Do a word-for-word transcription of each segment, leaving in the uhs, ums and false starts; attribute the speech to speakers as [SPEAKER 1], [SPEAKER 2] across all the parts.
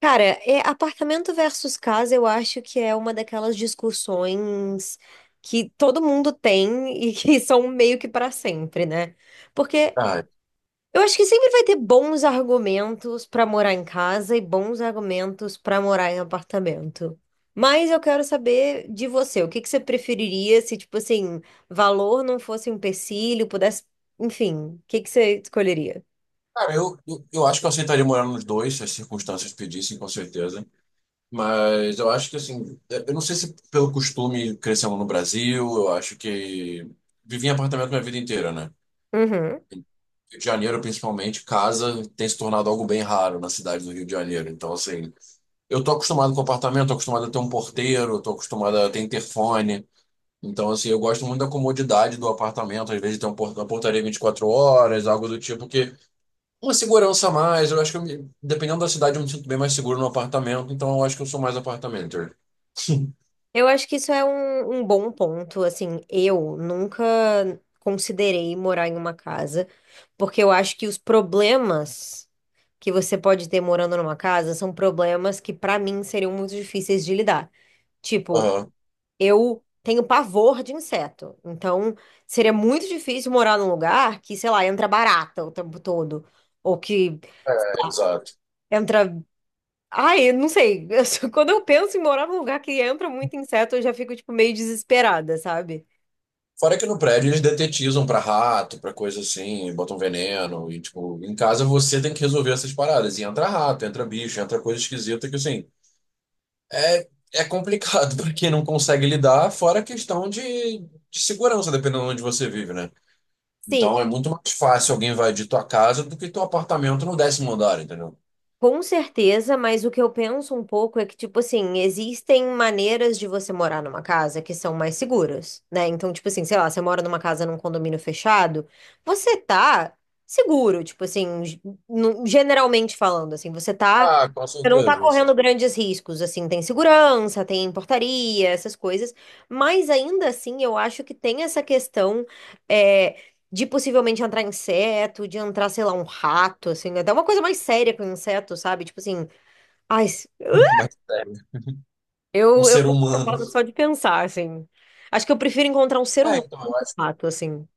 [SPEAKER 1] Cara, é apartamento versus casa, eu acho que é uma daquelas discussões que todo mundo tem e que são meio que para sempre, né? Porque
[SPEAKER 2] Ah,
[SPEAKER 1] eu acho que sempre vai ter bons argumentos para morar em casa e bons argumentos para morar em apartamento. Mas eu quero saber de você, o que que você preferiria se, tipo assim, valor não fosse um empecilho, pudesse, enfim, o que que você escolheria?
[SPEAKER 2] cara, eu, eu, eu acho que eu aceitaria morar nos dois, se as circunstâncias pedissem, com certeza. Mas eu acho que, assim, eu não sei se pelo costume crescendo no Brasil, eu acho que vivi em apartamento minha vida inteira, né?
[SPEAKER 1] Uhum.
[SPEAKER 2] Rio de Janeiro, principalmente, casa tem se tornado algo bem raro na cidade do Rio de Janeiro. Então, assim, eu tô acostumado com apartamento, tô acostumado a ter um porteiro, tô acostumado a ter interfone. Então, assim, eu gosto muito da comodidade do apartamento, às vezes tem um por- uma portaria 24 horas, algo do tipo que. Uma segurança a mais. Eu acho que, eu me- dependendo da cidade, eu me sinto bem mais seguro no apartamento. Então, eu acho que eu sou mais apartamenter.
[SPEAKER 1] Eu acho que isso é um, um bom ponto. Assim, eu nunca considerei morar em uma casa, porque eu acho que os problemas que você pode ter morando numa casa são problemas que, pra mim, seriam muito difíceis de lidar. Tipo,
[SPEAKER 2] Aham.
[SPEAKER 1] eu tenho pavor de inseto, então seria muito difícil morar num lugar que, sei lá, entra barata o tempo todo. Ou que
[SPEAKER 2] É, exato.
[SPEAKER 1] entra. Ai, eu não sei. Quando eu penso em morar num lugar que entra muito inseto, eu já fico, tipo, meio desesperada, sabe?
[SPEAKER 2] Fora que no prédio eles detetizam pra rato, pra coisa assim, botam veneno. E, tipo, em casa você tem que resolver essas paradas. E entra rato, entra bicho, entra coisa esquisita que, assim, é, é complicado pra quem não consegue lidar. Fora a questão de, de segurança, dependendo de onde você vive, né?
[SPEAKER 1] Sim,
[SPEAKER 2] Então, é muito mais fácil alguém invadir tua casa do que teu apartamento no décimo andar, entendeu?
[SPEAKER 1] com certeza, mas o que eu penso um pouco é que, tipo assim, existem maneiras de você morar numa casa que são mais seguras, né? Então, tipo assim, sei lá, você mora numa casa num condomínio fechado, você tá seguro, tipo assim, ge- no- generalmente falando, assim, você tá,
[SPEAKER 2] Ah, com
[SPEAKER 1] você não tá
[SPEAKER 2] certeza.
[SPEAKER 1] correndo grandes riscos, assim, tem segurança, tem portaria, essas coisas, mas ainda assim eu acho que tem essa questão. eh, De possivelmente entrar inseto, de entrar, sei lá, um rato, assim, até uma coisa mais séria com inseto, sabe? Tipo assim, ai, s-
[SPEAKER 2] Mas é, um
[SPEAKER 1] eu, eu
[SPEAKER 2] ser
[SPEAKER 1] tô
[SPEAKER 2] humano.
[SPEAKER 1] falando só de pensar, assim. Acho que eu prefiro encontrar um ser
[SPEAKER 2] É,
[SPEAKER 1] humano
[SPEAKER 2] então,
[SPEAKER 1] que
[SPEAKER 2] eu
[SPEAKER 1] é
[SPEAKER 2] acho,
[SPEAKER 1] um rato, assim.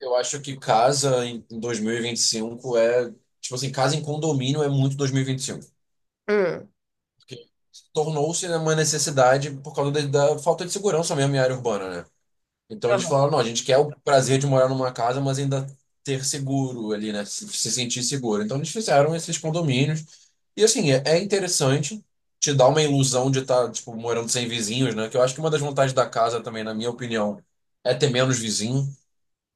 [SPEAKER 2] eu acho que casa em dois mil e vinte e cinco é. Tipo assim, casa em condomínio é muito dois mil e vinte e cinco.
[SPEAKER 1] Hum.
[SPEAKER 2] Porque tornou-se uma necessidade por causa da, da falta de segurança mesmo em área urbana, né? Então eles
[SPEAKER 1] Aham.
[SPEAKER 2] falaram: não, a gente quer o prazer de morar numa casa, mas ainda ter seguro ali, né? Se, se sentir seguro. Então eles fizeram esses condomínios. E assim, é, é interessante. Te dá uma ilusão de estar, tipo, morando sem vizinhos, né? Que eu acho que uma das vantagens da casa também, na minha opinião, é ter menos vizinho.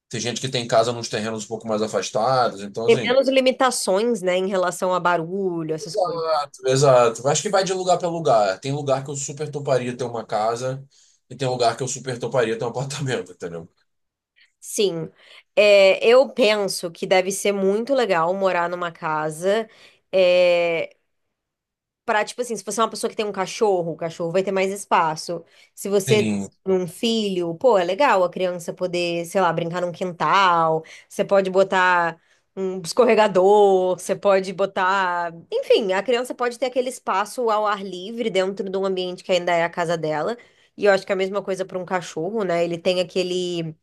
[SPEAKER 2] Tem gente que tem casa nos terrenos um pouco mais afastados, então
[SPEAKER 1] Tem
[SPEAKER 2] assim.
[SPEAKER 1] menos limitações, né, em relação a barulho, essas coisas.
[SPEAKER 2] Exato, exato. Acho que vai de lugar para lugar. Tem lugar que eu super toparia ter uma casa e tem lugar que eu super toparia ter um apartamento, entendeu?
[SPEAKER 1] Sim, é, eu penso que deve ser muito legal morar numa casa. eh, Pra, tipo assim, se você é uma pessoa que tem um cachorro, o cachorro vai ter mais espaço. Se você tem
[SPEAKER 2] Sim,
[SPEAKER 1] um filho, pô, é legal a criança poder, sei lá, brincar num quintal. Você pode botar um escorregador, você pode botar. Enfim, a criança pode ter aquele espaço ao ar livre dentro de um ambiente que ainda é a casa dela. E eu acho que é a mesma coisa para um cachorro, né? Ele tem aquele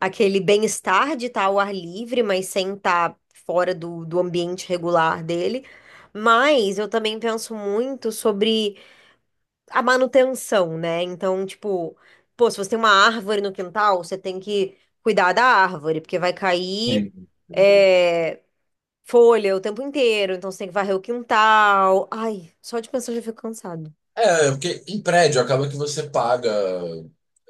[SPEAKER 1] aquele bem-estar de estar ao ar livre, mas sem estar fora do, do ambiente regular dele. Mas eu também penso muito sobre a manutenção, né? Então, tipo, pô, se você tem uma árvore no quintal, você tem que cuidar da árvore, porque vai cair
[SPEAKER 2] sim.
[SPEAKER 1] é, folha o tempo inteiro, então você tem que varrer o quintal. Ai, só de pensar eu já fico cansado.
[SPEAKER 2] É, porque em prédio acaba que você paga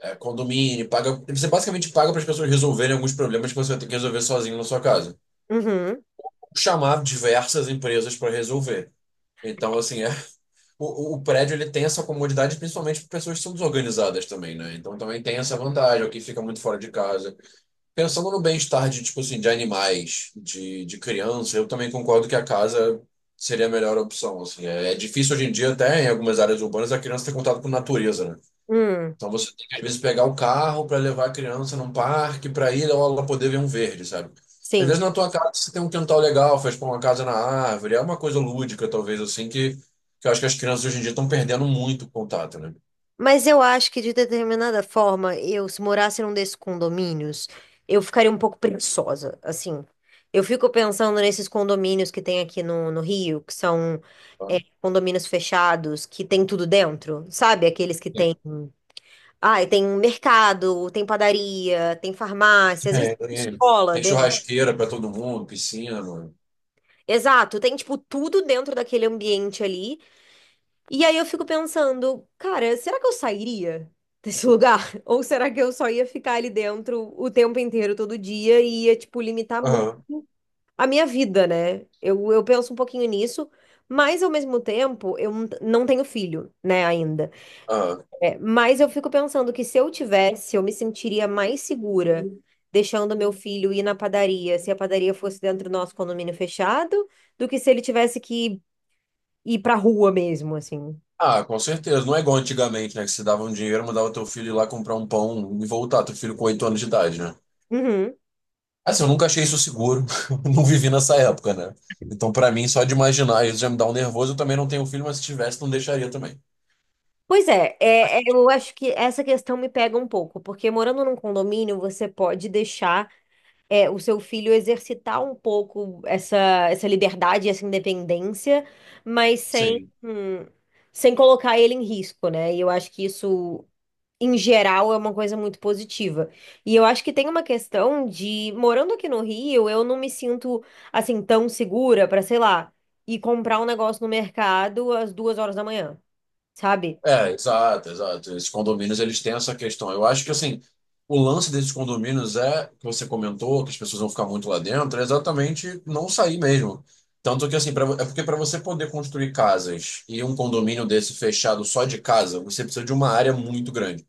[SPEAKER 2] é, condomínio, paga. Você basicamente paga para as pessoas resolverem alguns problemas que você vai ter que resolver sozinho na sua casa.
[SPEAKER 1] Uhum,
[SPEAKER 2] Chamar diversas empresas para resolver. Então, assim, é o, o prédio ele tem essa comodidade principalmente para pessoas que são desorganizadas também, né? Então também tem essa vantagem, o que fica muito fora de casa. Pensando no bem-estar de, tipo assim, de animais, de, de criança, eu também concordo que a casa seria a melhor opção, assim. É, é difícil hoje em dia até em algumas áreas urbanas a criança ter contato com natureza, né?
[SPEAKER 1] hum,
[SPEAKER 2] Então você tem que, às vezes, pegar o carro para levar a criança num parque, para ir ou ela poder ver um verde, sabe? Às
[SPEAKER 1] sim.
[SPEAKER 2] vezes na tua casa você tem um quintal legal, faz pô, uma casa na árvore, é uma coisa lúdica, talvez, assim, que, que eu acho que as crianças hoje em dia estão perdendo muito contato, né?
[SPEAKER 1] Mas eu acho que, de determinada forma, eu, se morasse num desses condomínios, eu ficaria um pouco preguiçosa, assim. Eu fico pensando nesses condomínios que tem aqui no, no Rio, que são
[SPEAKER 2] Tá?
[SPEAKER 1] é, condomínios fechados, que tem tudo dentro, sabe? Aqueles que tem. Ah, tem um mercado, tem padaria, tem farmácia, às vezes
[SPEAKER 2] É,
[SPEAKER 1] tem
[SPEAKER 2] tem,
[SPEAKER 1] escola
[SPEAKER 2] tem
[SPEAKER 1] dentro.
[SPEAKER 2] churrasqueira para todo mundo, piscina.
[SPEAKER 1] Exato, tem, tipo, tudo dentro daquele ambiente ali. E aí eu fico pensando, cara, será que eu sairia desse lugar? Ou será que eu só ia ficar ali dentro o tempo inteiro, todo dia, e ia, tipo, limitar muito
[SPEAKER 2] Aham,
[SPEAKER 1] a minha vida, né? Eu, eu penso um pouquinho nisso, mas ao mesmo tempo, eu não não tenho filho, né, ainda.
[SPEAKER 2] aham.
[SPEAKER 1] É, mas eu fico pensando que se eu tivesse, eu me sentiria mais segura deixando meu filho ir na padaria, se a padaria fosse dentro do nosso condomínio fechado, do que se ele tivesse que ir pra rua mesmo, assim.
[SPEAKER 2] Ah, com certeza. Não é igual antigamente, né? Que você dava um dinheiro, mandava teu filho ir lá comprar um pão e voltar, teu filho com oito anos de idade, né?
[SPEAKER 1] Uhum.
[SPEAKER 2] Assim, eu nunca achei isso seguro, não vivi nessa época, né? Então, pra mim, só de imaginar isso já me dá um nervoso. Eu também não tenho filho, mas se tivesse, não deixaria também.
[SPEAKER 1] Pois é, é, é, eu acho que essa questão me pega um pouco, porque morando num condomínio, você pode deixar é, o seu filho exercitar um pouco essa, essa, liberdade, essa independência, mas sem,
[SPEAKER 2] Sim.
[SPEAKER 1] hum, sem colocar ele em risco, né? E eu acho que isso, em geral, é uma coisa muito positiva. E eu acho que tem uma questão de, morando aqui no Rio, eu não me sinto, assim, tão segura para, sei lá, ir comprar um negócio no mercado às duas horas da manhã. Sabe?
[SPEAKER 2] É, exato, exato. Esses condomínios, eles têm essa questão. Eu acho que, assim, o lance desses condomínios é, que você comentou, que as pessoas vão ficar muito lá dentro, é exatamente não sair mesmo. Tanto que, assim, pra, é porque para você poder construir casas e um condomínio desse fechado só de casa, você precisa de uma área muito grande.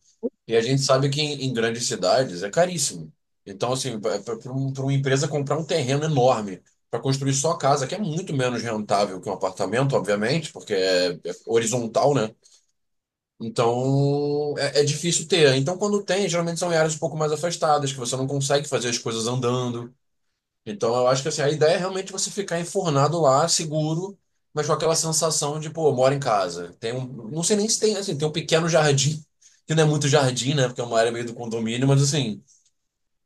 [SPEAKER 2] E a gente sabe que em, em grandes cidades é caríssimo. Então, assim, para uma empresa comprar um terreno enorme para construir só casa, que é muito menos rentável que um apartamento, obviamente, porque é, é horizontal, né? Então, é, é difícil ter. Então, quando tem, geralmente são em áreas um pouco mais afastadas, que você não consegue fazer as coisas andando. Então eu acho que assim, a ideia é realmente você ficar enfornado lá, seguro, mas com aquela sensação de, pô, eu moro em casa. Tem um, não sei nem se tem, assim, tem um pequeno jardim, que não é muito jardim, né? Porque é uma área meio do condomínio, mas assim,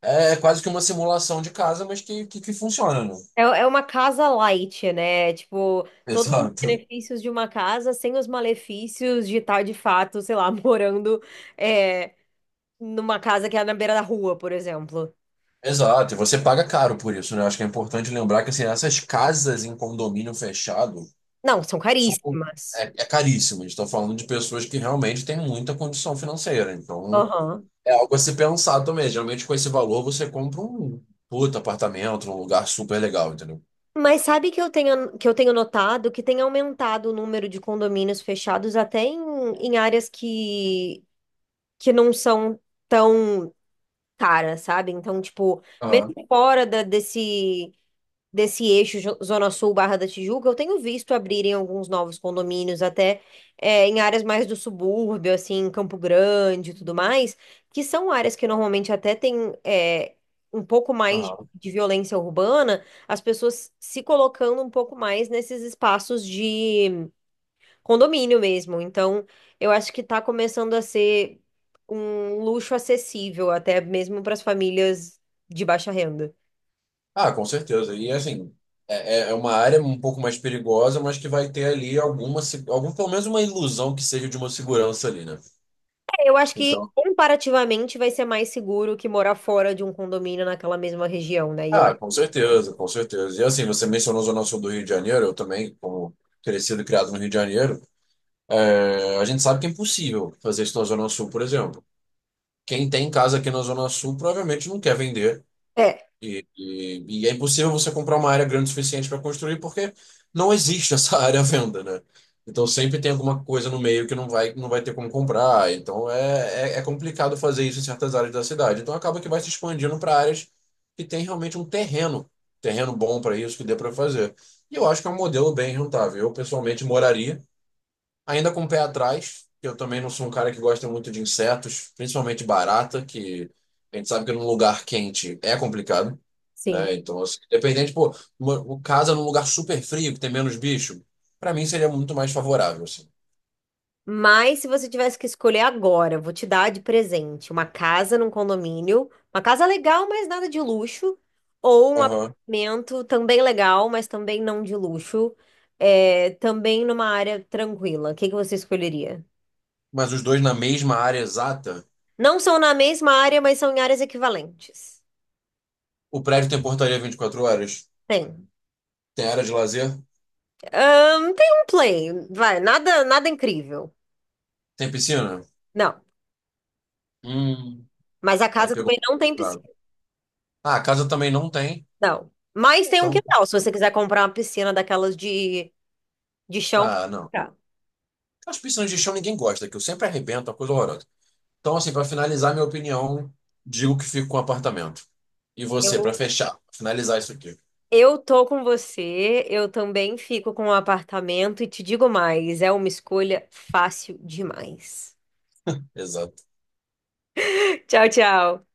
[SPEAKER 2] é quase que uma simulação de casa, mas que, que, que funciona, né?
[SPEAKER 1] É, é uma casa light, né? Tipo, todos os
[SPEAKER 2] Exato.
[SPEAKER 1] benefícios de uma casa sem os malefícios de estar, de fato, sei lá, morando é, numa casa que é na beira da rua, por exemplo.
[SPEAKER 2] Exato, e você paga caro por isso, né? Acho que é importante lembrar que assim, essas casas em condomínio fechado
[SPEAKER 1] Não, são
[SPEAKER 2] são,
[SPEAKER 1] caríssimas.
[SPEAKER 2] é, é caríssimas. Estou falando de pessoas que realmente têm muita condição financeira. Então,
[SPEAKER 1] Aham.
[SPEAKER 2] é algo a se pensar também. Geralmente, com esse valor, você compra um puta apartamento num lugar super legal, entendeu?
[SPEAKER 1] Mas sabe que eu tenho, que eu tenho notado que tem aumentado o número de condomínios fechados até em, em áreas que, que não são tão caras, sabe? Então, tipo, mesmo
[SPEAKER 2] Aham,
[SPEAKER 1] fora da- desse desse eixo Jo- Zona Sul Barra da Tijuca, eu tenho visto abrirem alguns novos condomínios, até é, em áreas mais do subúrbio, assim, Campo Grande e tudo mais, que são áreas que normalmente até tem é, um pouco mais
[SPEAKER 2] aham.
[SPEAKER 1] de violência urbana, as pessoas se colocando um pouco mais nesses espaços de condomínio mesmo. Então, eu acho que está começando a ser um luxo acessível, até mesmo para as famílias de baixa renda.
[SPEAKER 2] Ah, com certeza. E assim, é, é é uma área um pouco mais perigosa, mas que vai ter ali alguma, se- algum, pelo menos uma ilusão que seja de uma segurança ali, né?
[SPEAKER 1] Eu acho que
[SPEAKER 2] Então,
[SPEAKER 1] comparativamente vai ser mais seguro que morar fora de um condomínio naquela mesma região, né? E eu
[SPEAKER 2] ah,
[SPEAKER 1] acho.
[SPEAKER 2] com certeza, com certeza. E assim, você mencionou a Zona Sul do Rio de Janeiro, eu também, como crescido e criado no Rio de Janeiro, é, a gente sabe que é impossível fazer isso na Zona Sul, por exemplo. Quem tem casa aqui na Zona Sul provavelmente não quer vender.
[SPEAKER 1] É.
[SPEAKER 2] E, e- e é impossível você comprar uma área grande o suficiente para construir, porque não existe essa área à venda, né? Então sempre tem alguma coisa no meio que não vai, não vai ter como comprar. Então é, é, é complicado fazer isso em certas áreas da cidade. Então acaba que vai se expandindo para áreas que tem realmente um terreno, terreno bom para isso que dê para fazer. E eu acho que é um modelo bem rentável. Eu pessoalmente moraria. Ainda com o pé atrás, que eu também não sou um cara que gosta muito de insetos, principalmente barata, que a gente sabe que num lugar quente é complicado,
[SPEAKER 1] Sim.
[SPEAKER 2] né? Então, assim, dependente, pô, uma, uma casa num lugar super frio, que tem menos bicho, pra mim seria muito mais favorável, assim.
[SPEAKER 1] Mas se você tivesse que escolher agora, vou te dar de presente uma casa num condomínio, uma casa legal, mas nada de luxo, ou um
[SPEAKER 2] Aham.
[SPEAKER 1] apartamento também legal, mas também não de luxo, é, também numa área tranquila. O que que você escolheria?
[SPEAKER 2] Mas os dois na mesma área exata,
[SPEAKER 1] Não são na mesma área, mas são em áreas equivalentes.
[SPEAKER 2] o prédio tem portaria 24 horas,
[SPEAKER 1] Tem.
[SPEAKER 2] tem área de lazer,
[SPEAKER 1] Ahn, tem um play, vai, nada, nada incrível.
[SPEAKER 2] tem piscina.
[SPEAKER 1] Não,
[SPEAKER 2] Hum.
[SPEAKER 1] mas a
[SPEAKER 2] Aí
[SPEAKER 1] casa
[SPEAKER 2] pegou.
[SPEAKER 1] também não tem piscina.
[SPEAKER 2] Claro. Ah, a casa também não tem,
[SPEAKER 1] Não. Mas tem um
[SPEAKER 2] então.
[SPEAKER 1] quintal, se você quiser comprar uma piscina daquelas de, de, chão. Pra
[SPEAKER 2] Ah, não. As piscinas de chão ninguém gosta, que eu sempre arrebento, é uma coisa horrorosa. Então, assim, para finalizar minha opinião, digo que fico com apartamento. E você, para
[SPEAKER 1] Eu,
[SPEAKER 2] fechar, finalizar isso aqui.
[SPEAKER 1] eu tô com você, eu também fico com o apartamento e te digo mais, é uma escolha fácil demais.
[SPEAKER 2] Exato.
[SPEAKER 1] Tchau, tchau.